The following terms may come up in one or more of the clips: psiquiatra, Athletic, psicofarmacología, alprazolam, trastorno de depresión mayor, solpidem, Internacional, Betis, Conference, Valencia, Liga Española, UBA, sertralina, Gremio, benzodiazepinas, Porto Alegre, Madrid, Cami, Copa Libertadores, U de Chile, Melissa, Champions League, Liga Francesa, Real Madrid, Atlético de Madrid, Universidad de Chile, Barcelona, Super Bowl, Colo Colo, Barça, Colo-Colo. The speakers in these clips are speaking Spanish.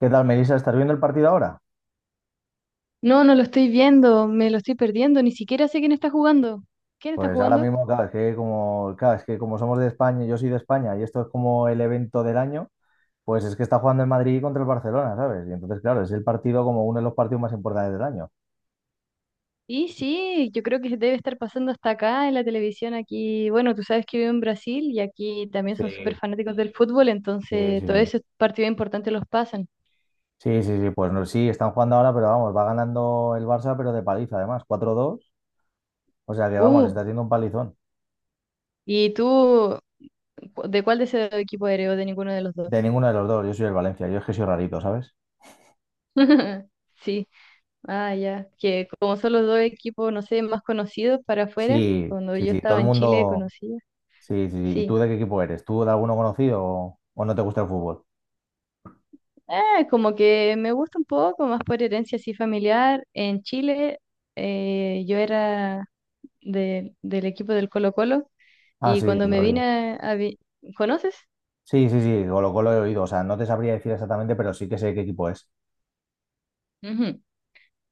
¿Qué tal, Melissa? ¿Estás viendo el partido ahora? No, no lo estoy viendo, me lo estoy perdiendo, ni siquiera sé quién está jugando. ¿Quién está Pues ahora jugando? mismo, claro, es que como somos de España, yo soy de España y esto es como el evento del año, pues es que está jugando el Madrid contra el Barcelona, ¿sabes? Y entonces, claro, es el partido como uno de los partidos más importantes del año. Y sí, yo creo que debe estar pasando hasta acá en la televisión aquí. Bueno, tú sabes que vivo en Brasil y aquí también Sí, son súper fanáticos del fútbol, sí, sí, entonces todos sí. esos partidos importantes los pasan. Sí, sí, sí, pues no, sí, están jugando ahora, pero vamos, va ganando el Barça, pero de paliza además, 4-2. O sea que vamos, Uh, está haciendo un palizón. ¿Y tú de cuál de ese equipo eres o de ninguno de los De dos? ninguno de los dos, yo soy el Valencia, yo es que soy rarito, ¿sabes? Sí, ah, ya, que como son los dos equipos, no sé, más conocidos para afuera, Sí, cuando sí, yo sí, todo estaba el en Chile mundo. conocía. Sí, sí, sí. ¿Y tú Sí. de qué equipo eres? ¿Tú de alguno conocido o no te gusta el fútbol? Como que me gusta un poco, más por herencia así familiar. En Chile, yo era del equipo del Colo-Colo Ah, y sí, cuando lo he me oído. vine a... a vi- ¿conoces? Sí, sí, sí, Colo Colo he oído. O sea, no te sabría decir exactamente, pero sí que sé qué equipo es. Ujú.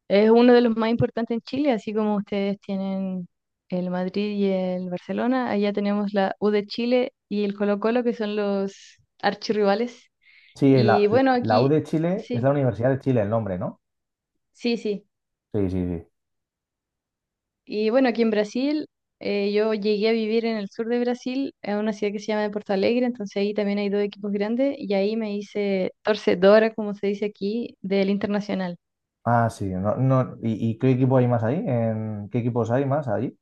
Es uno de los más importantes en Chile, así como ustedes tienen el Madrid y el Barcelona, allá tenemos la U de Chile y el Colo-Colo que son los archirrivales. Sí, la, Y bueno, la U aquí de Chile es la sí, Universidad de Chile el nombre, ¿no? sí, sí. Sí, sí, sí. Y bueno, aquí en Brasil, yo llegué a vivir en el sur de Brasil, en una ciudad que se llama Porto Alegre, entonces ahí también hay dos equipos grandes y ahí me hice torcedora, como se dice aquí, del Internacional. Ah, sí. No, no, y qué equipo hay más ahí? ¿En qué equipos hay más allí?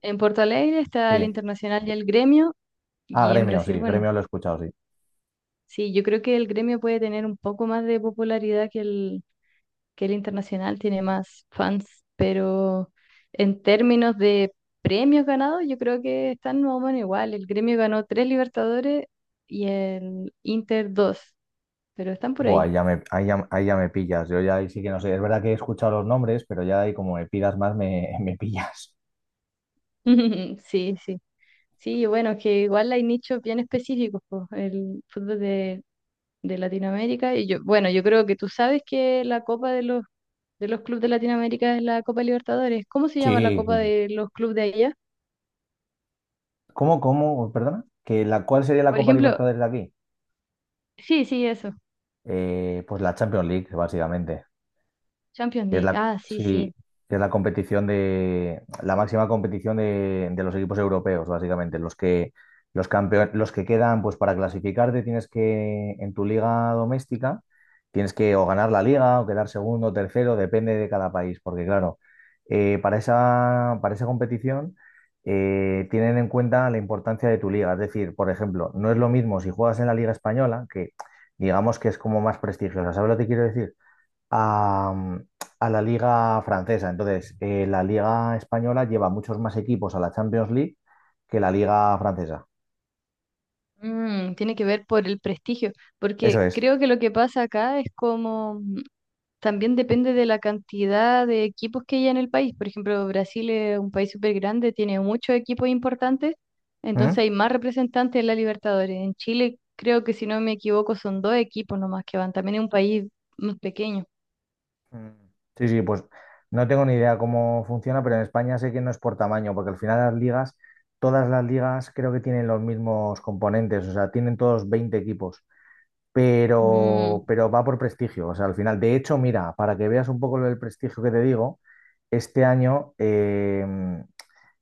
En Porto Alegre está el Sí. Internacional y el Gremio, Ah, y en Gremio, sí, Brasil, bueno, Gremio lo he escuchado, sí. sí, yo creo que el Gremio puede tener un poco más de popularidad que el internacional tiene más fans, pero en términos de premios ganados, yo creo que están más o menos igual. El Gremio ganó tres Libertadores y el Inter dos, pero están por Buah, ahí. Ahí ya me pillas. Yo ya ahí sí que no sé. Es verdad que he escuchado los nombres, pero ya ahí como me pidas más, me pillas. Sí, sí. Sí, bueno, que igual hay nichos bien específicos, po, el fútbol de Latinoamérica. Y yo, bueno, yo creo que tú sabes que la Copa de los clubes de Latinoamérica es la Copa Libertadores. ¿Cómo se llama la Sí, sí, Copa sí. de los clubes de allá? ¿Cómo, cómo? Perdona. ¿Que cuál sería la Por Copa ejemplo, Libertadores de aquí? sí, sí, eso. Pues la Champions League, básicamente, Champions que es League, la, ah, sí, sí, sí. que es la competición de, la máxima competición de los equipos europeos, básicamente. Los que, los campeones, los que quedan, pues para clasificarte tienes que, en tu liga doméstica, tienes que o ganar la liga o quedar segundo, tercero, depende de cada país, porque claro, para esa competición tienen en cuenta la importancia de tu liga. Es decir, por ejemplo, no es lo mismo si juegas en la Liga Española, que digamos que es como más prestigiosa. ¿Sabes lo que quiero decir? a, mm, a la liga francesa. Entonces, la liga española lleva muchos más equipos a la Champions League que la liga francesa. Tiene que ver por el prestigio, Eso porque es. creo que lo que pasa acá es como, también depende de la cantidad de equipos que hay en el país. Por ejemplo, Brasil es un país súper grande, tiene muchos equipos importantes, ¿Mm? entonces hay más representantes en la Libertadores. En Chile, creo que si no me equivoco, son dos equipos nomás que van, también es un país más pequeño. Mm. Sí, sí, pues no tengo ni idea cómo funciona, pero en España sé que no es por tamaño, porque al final todas las ligas creo que tienen los mismos componentes, o sea, tienen todos 20 equipos. Pero, Mm, pero va por prestigio, o sea, al final. De hecho, mira, para que veas un poco el prestigio que te digo, este año, eh,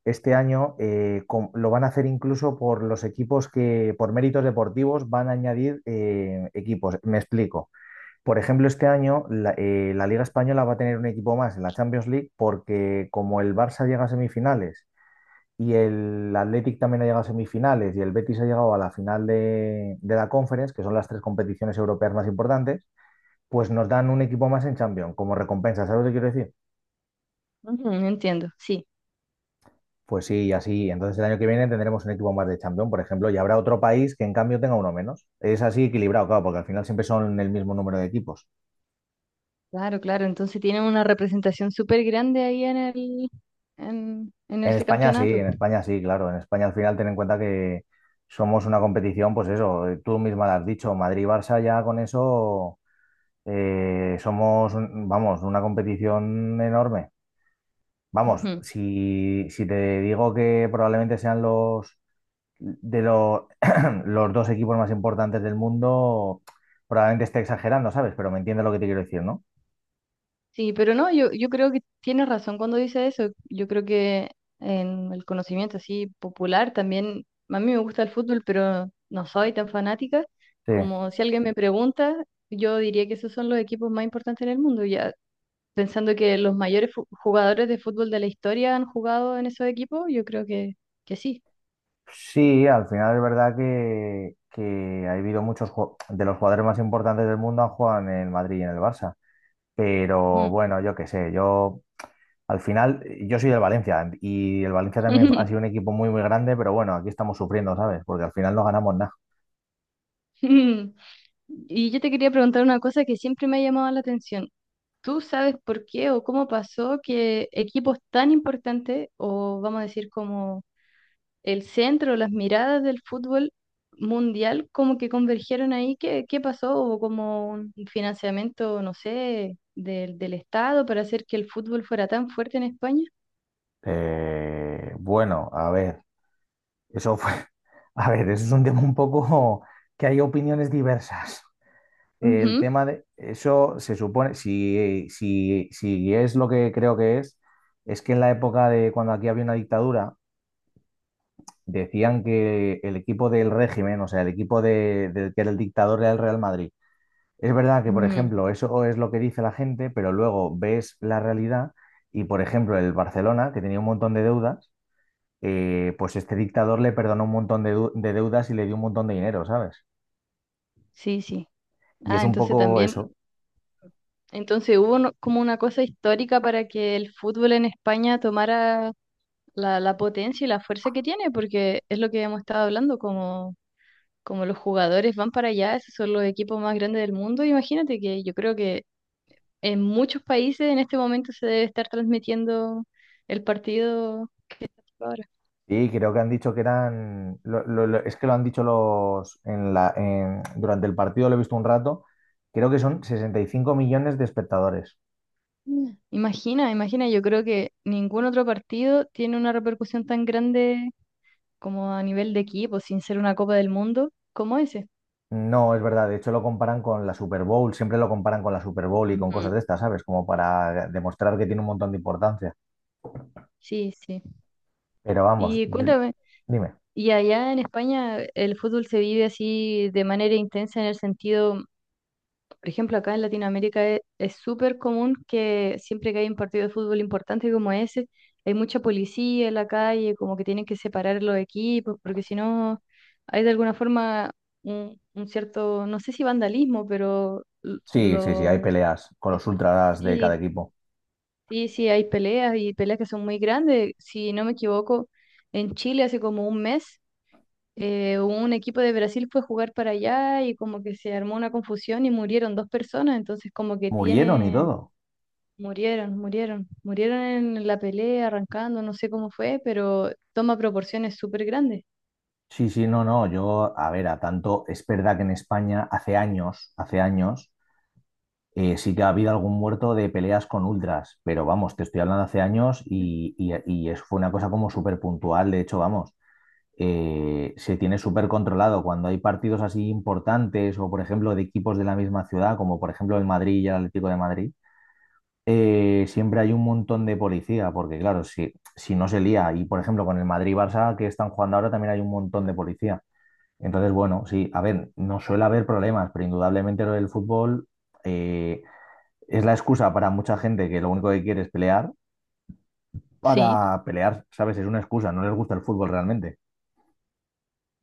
Lo van a hacer incluso por los equipos que, por méritos deportivos, van a añadir equipos. Me explico. Por ejemplo, este año la, la Liga Española va a tener un equipo más en la Champions League porque como el Barça llega a semifinales y el Athletic también ha llegado a semifinales y el Betis ha llegado a la final de la Conference, que son las tres competiciones europeas más importantes, pues nos dan un equipo más en Champions como recompensa. ¿Sabes lo que quiero decir? ujú, entiendo, sí, Pues sí, y así. Entonces el año que viene tendremos un equipo más de campeón, por ejemplo, y habrá otro país que en cambio tenga uno menos. Es así equilibrado, claro, porque al final siempre son el mismo número de equipos. claro, claro. Entonces tienen una representación súper grande ahí en ese campeonato. En España sí, claro. En España al final ten en cuenta que somos una competición, pues eso, tú misma lo has dicho, Madrid-Barça ya con eso somos, un- vamos, una competición enorme. Vamos, Ujú. si te digo que probablemente sean los de lo- los dos equipos más importantes del mundo, probablemente esté exagerando, ¿sabes? Pero me entiendes lo que te quiero decir, ¿no? Sí, pero no, yo creo que tienes razón cuando dice eso. Yo creo que en el conocimiento así popular también, a mí me gusta el fútbol, pero no soy tan fanática. Sí. Como si alguien me pregunta, yo diría que esos son los equipos más importantes en el mundo. Ya pensando que los mayores jugadores de fútbol de la historia han jugado en esos equipos, yo creo que sí. Sí, al final es verdad que ha habido muchos de los jugadores más importantes del mundo han jugado en el Madrid y en el Barça. Pero Ujú. bueno, yo qué sé, yo al final, yo soy del Valencia y el Valencia también ha sido un equipo muy, muy grande, pero bueno, aquí estamos sufriendo, ¿sabes? Porque al final no ganamos nada. Y yo te quería preguntar una cosa que siempre me ha llamado la atención. ¿Tú sabes por qué o cómo pasó que equipos tan importantes, o vamos a decir como el centro, las miradas del fútbol mundial, como que convergieron ahí? ¿Qué pasó? ¿Hubo como un financiamiento, no sé, del Estado para hacer que el fútbol fuera tan fuerte en España? Eh, bueno, a ver, eso fue A ver, eso es un tema un poco que hay opiniones diversas. El Ujú. tema de eso se supone, si es lo que creo que es que en la época de cuando aquí había una dictadura, decían que el equipo del régimen, o sea, el equipo del que era el dictador era el Real Madrid. Es verdad que, por Mm, ejemplo, eso es lo que dice la gente, pero luego ves la realidad y, por ejemplo, el Barcelona, que tenía un montón de deudas, pues este dictador le perdonó un montón de deudas y le dio un montón de dinero, ¿sabes? sí, sí. Y es Ah, un entonces poco también, eso. entonces hubo como una cosa histórica para que el fútbol en España tomara la, la potencia y la fuerza que tiene, porque es lo que hemos estado hablando, como, como los jugadores van para allá, esos son los equipos más grandes del mundo. Imagínate que yo creo que en muchos países en este momento se debe estar transmitiendo el partido que está ahora. Sí, creo que han dicho que eran. Lo- es que lo han dicho los. Durante el partido lo he visto un rato. Creo que son 65 millones de espectadores. Mm. Imagina, imagina, yo creo que ningún otro partido tiene una repercusión tan grande como a nivel de equipo, sin ser una Copa del Mundo, como ese. No, es verdad. De hecho, lo comparan con la Super Bowl. Siempre lo comparan con la Super Bowl y con cosas Ujú. de estas, ¿sabes? Como para demostrar que tiene un montón de importancia. Sí, sí. Pero vamos, Y cuéntame. dime. Y allá en España el fútbol se vive así de manera intensa en el sentido, por ejemplo, acá en Latinoamérica es súper común que siempre que hay un partido de fútbol importante como ese, hay mucha policía en la calle, como que tienen que separar los equipos, porque si no hay de alguna forma un cierto, no sé si vandalismo, pero Sí, sí, sí, hay lo. peleas con los ultras de cada Sí, equipo. sí, sí, hay peleas y peleas que son muy grandes. Si no me equivoco, en Chile hace como un mes, un equipo de Brasil fue a jugar para allá y como que se armó una confusión y murieron dos personas, entonces como que Murieron y tiene, todo. murieron, murieron, murieron en la pelea, arrancando, no sé cómo fue, pero toma proporciones súper grandes. Sí, sí, no, no. Yo, a ver, a tanto. Es verdad que en España hace años, hace años. Sí que ha habido algún muerto de peleas con ultras, pero vamos, te estoy hablando hace años y fue una cosa como súper puntual. De hecho, vamos, se tiene súper controlado cuando hay partidos así importantes o, por ejemplo, de equipos de la misma ciudad, como por ejemplo el Madrid y el Atlético de Madrid. Siempre hay un montón de policía, porque claro, si no se lía, y por ejemplo con el Madrid-Barça que están jugando ahora también hay un montón de policía. Entonces, bueno, sí, a ver, no suele haber problemas, pero indudablemente lo del fútbol eh, es la excusa para mucha gente que lo único que quiere es pelear, Sí. para pelear, ¿sabes? Es una excusa, no les gusta el fútbol realmente.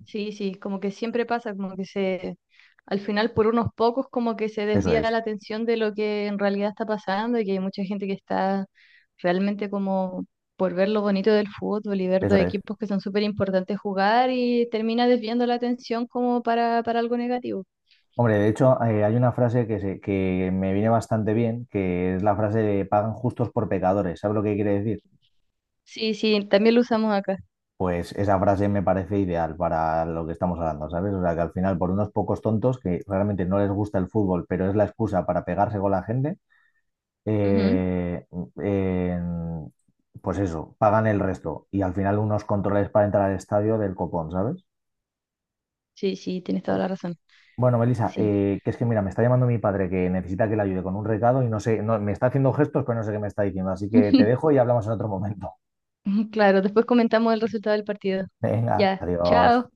Sí, sí, como que siempre pasa, como que se, al final por unos pocos como que se Eso desvía es, la atención de lo que en realidad está pasando y que hay mucha gente que está realmente como por ver lo bonito del fútbol y ver eso dos es. equipos que son súper importantes jugar y termina desviando la atención como para algo negativo. Hombre, de hecho, hay una frase que, que me viene bastante bien, que es la frase de pagan justos por pecadores. ¿Sabes lo que quiere decir? Sí, sí, también lo usamos acá. Pues esa frase me parece ideal para lo que estamos hablando, ¿sabes? O sea, que al final, por unos pocos tontos que realmente no les gusta el fútbol, pero es la excusa para pegarse con la gente, Ujú. eh, en- pues eso, pagan el resto y al final unos controles para entrar al estadio del copón, ¿sabes? Sí, sí, tienes toda Oye. la razón. Bueno, Melissa, Sí. Que es que mira, me está llamando mi padre que necesita que le ayude con un recado y no sé, no, me está haciendo gestos, pero no sé qué me está diciendo, así que te dejo y hablamos en otro momento. Claro, después comentamos el resultado del partido. Venga, Ya, adiós. chao.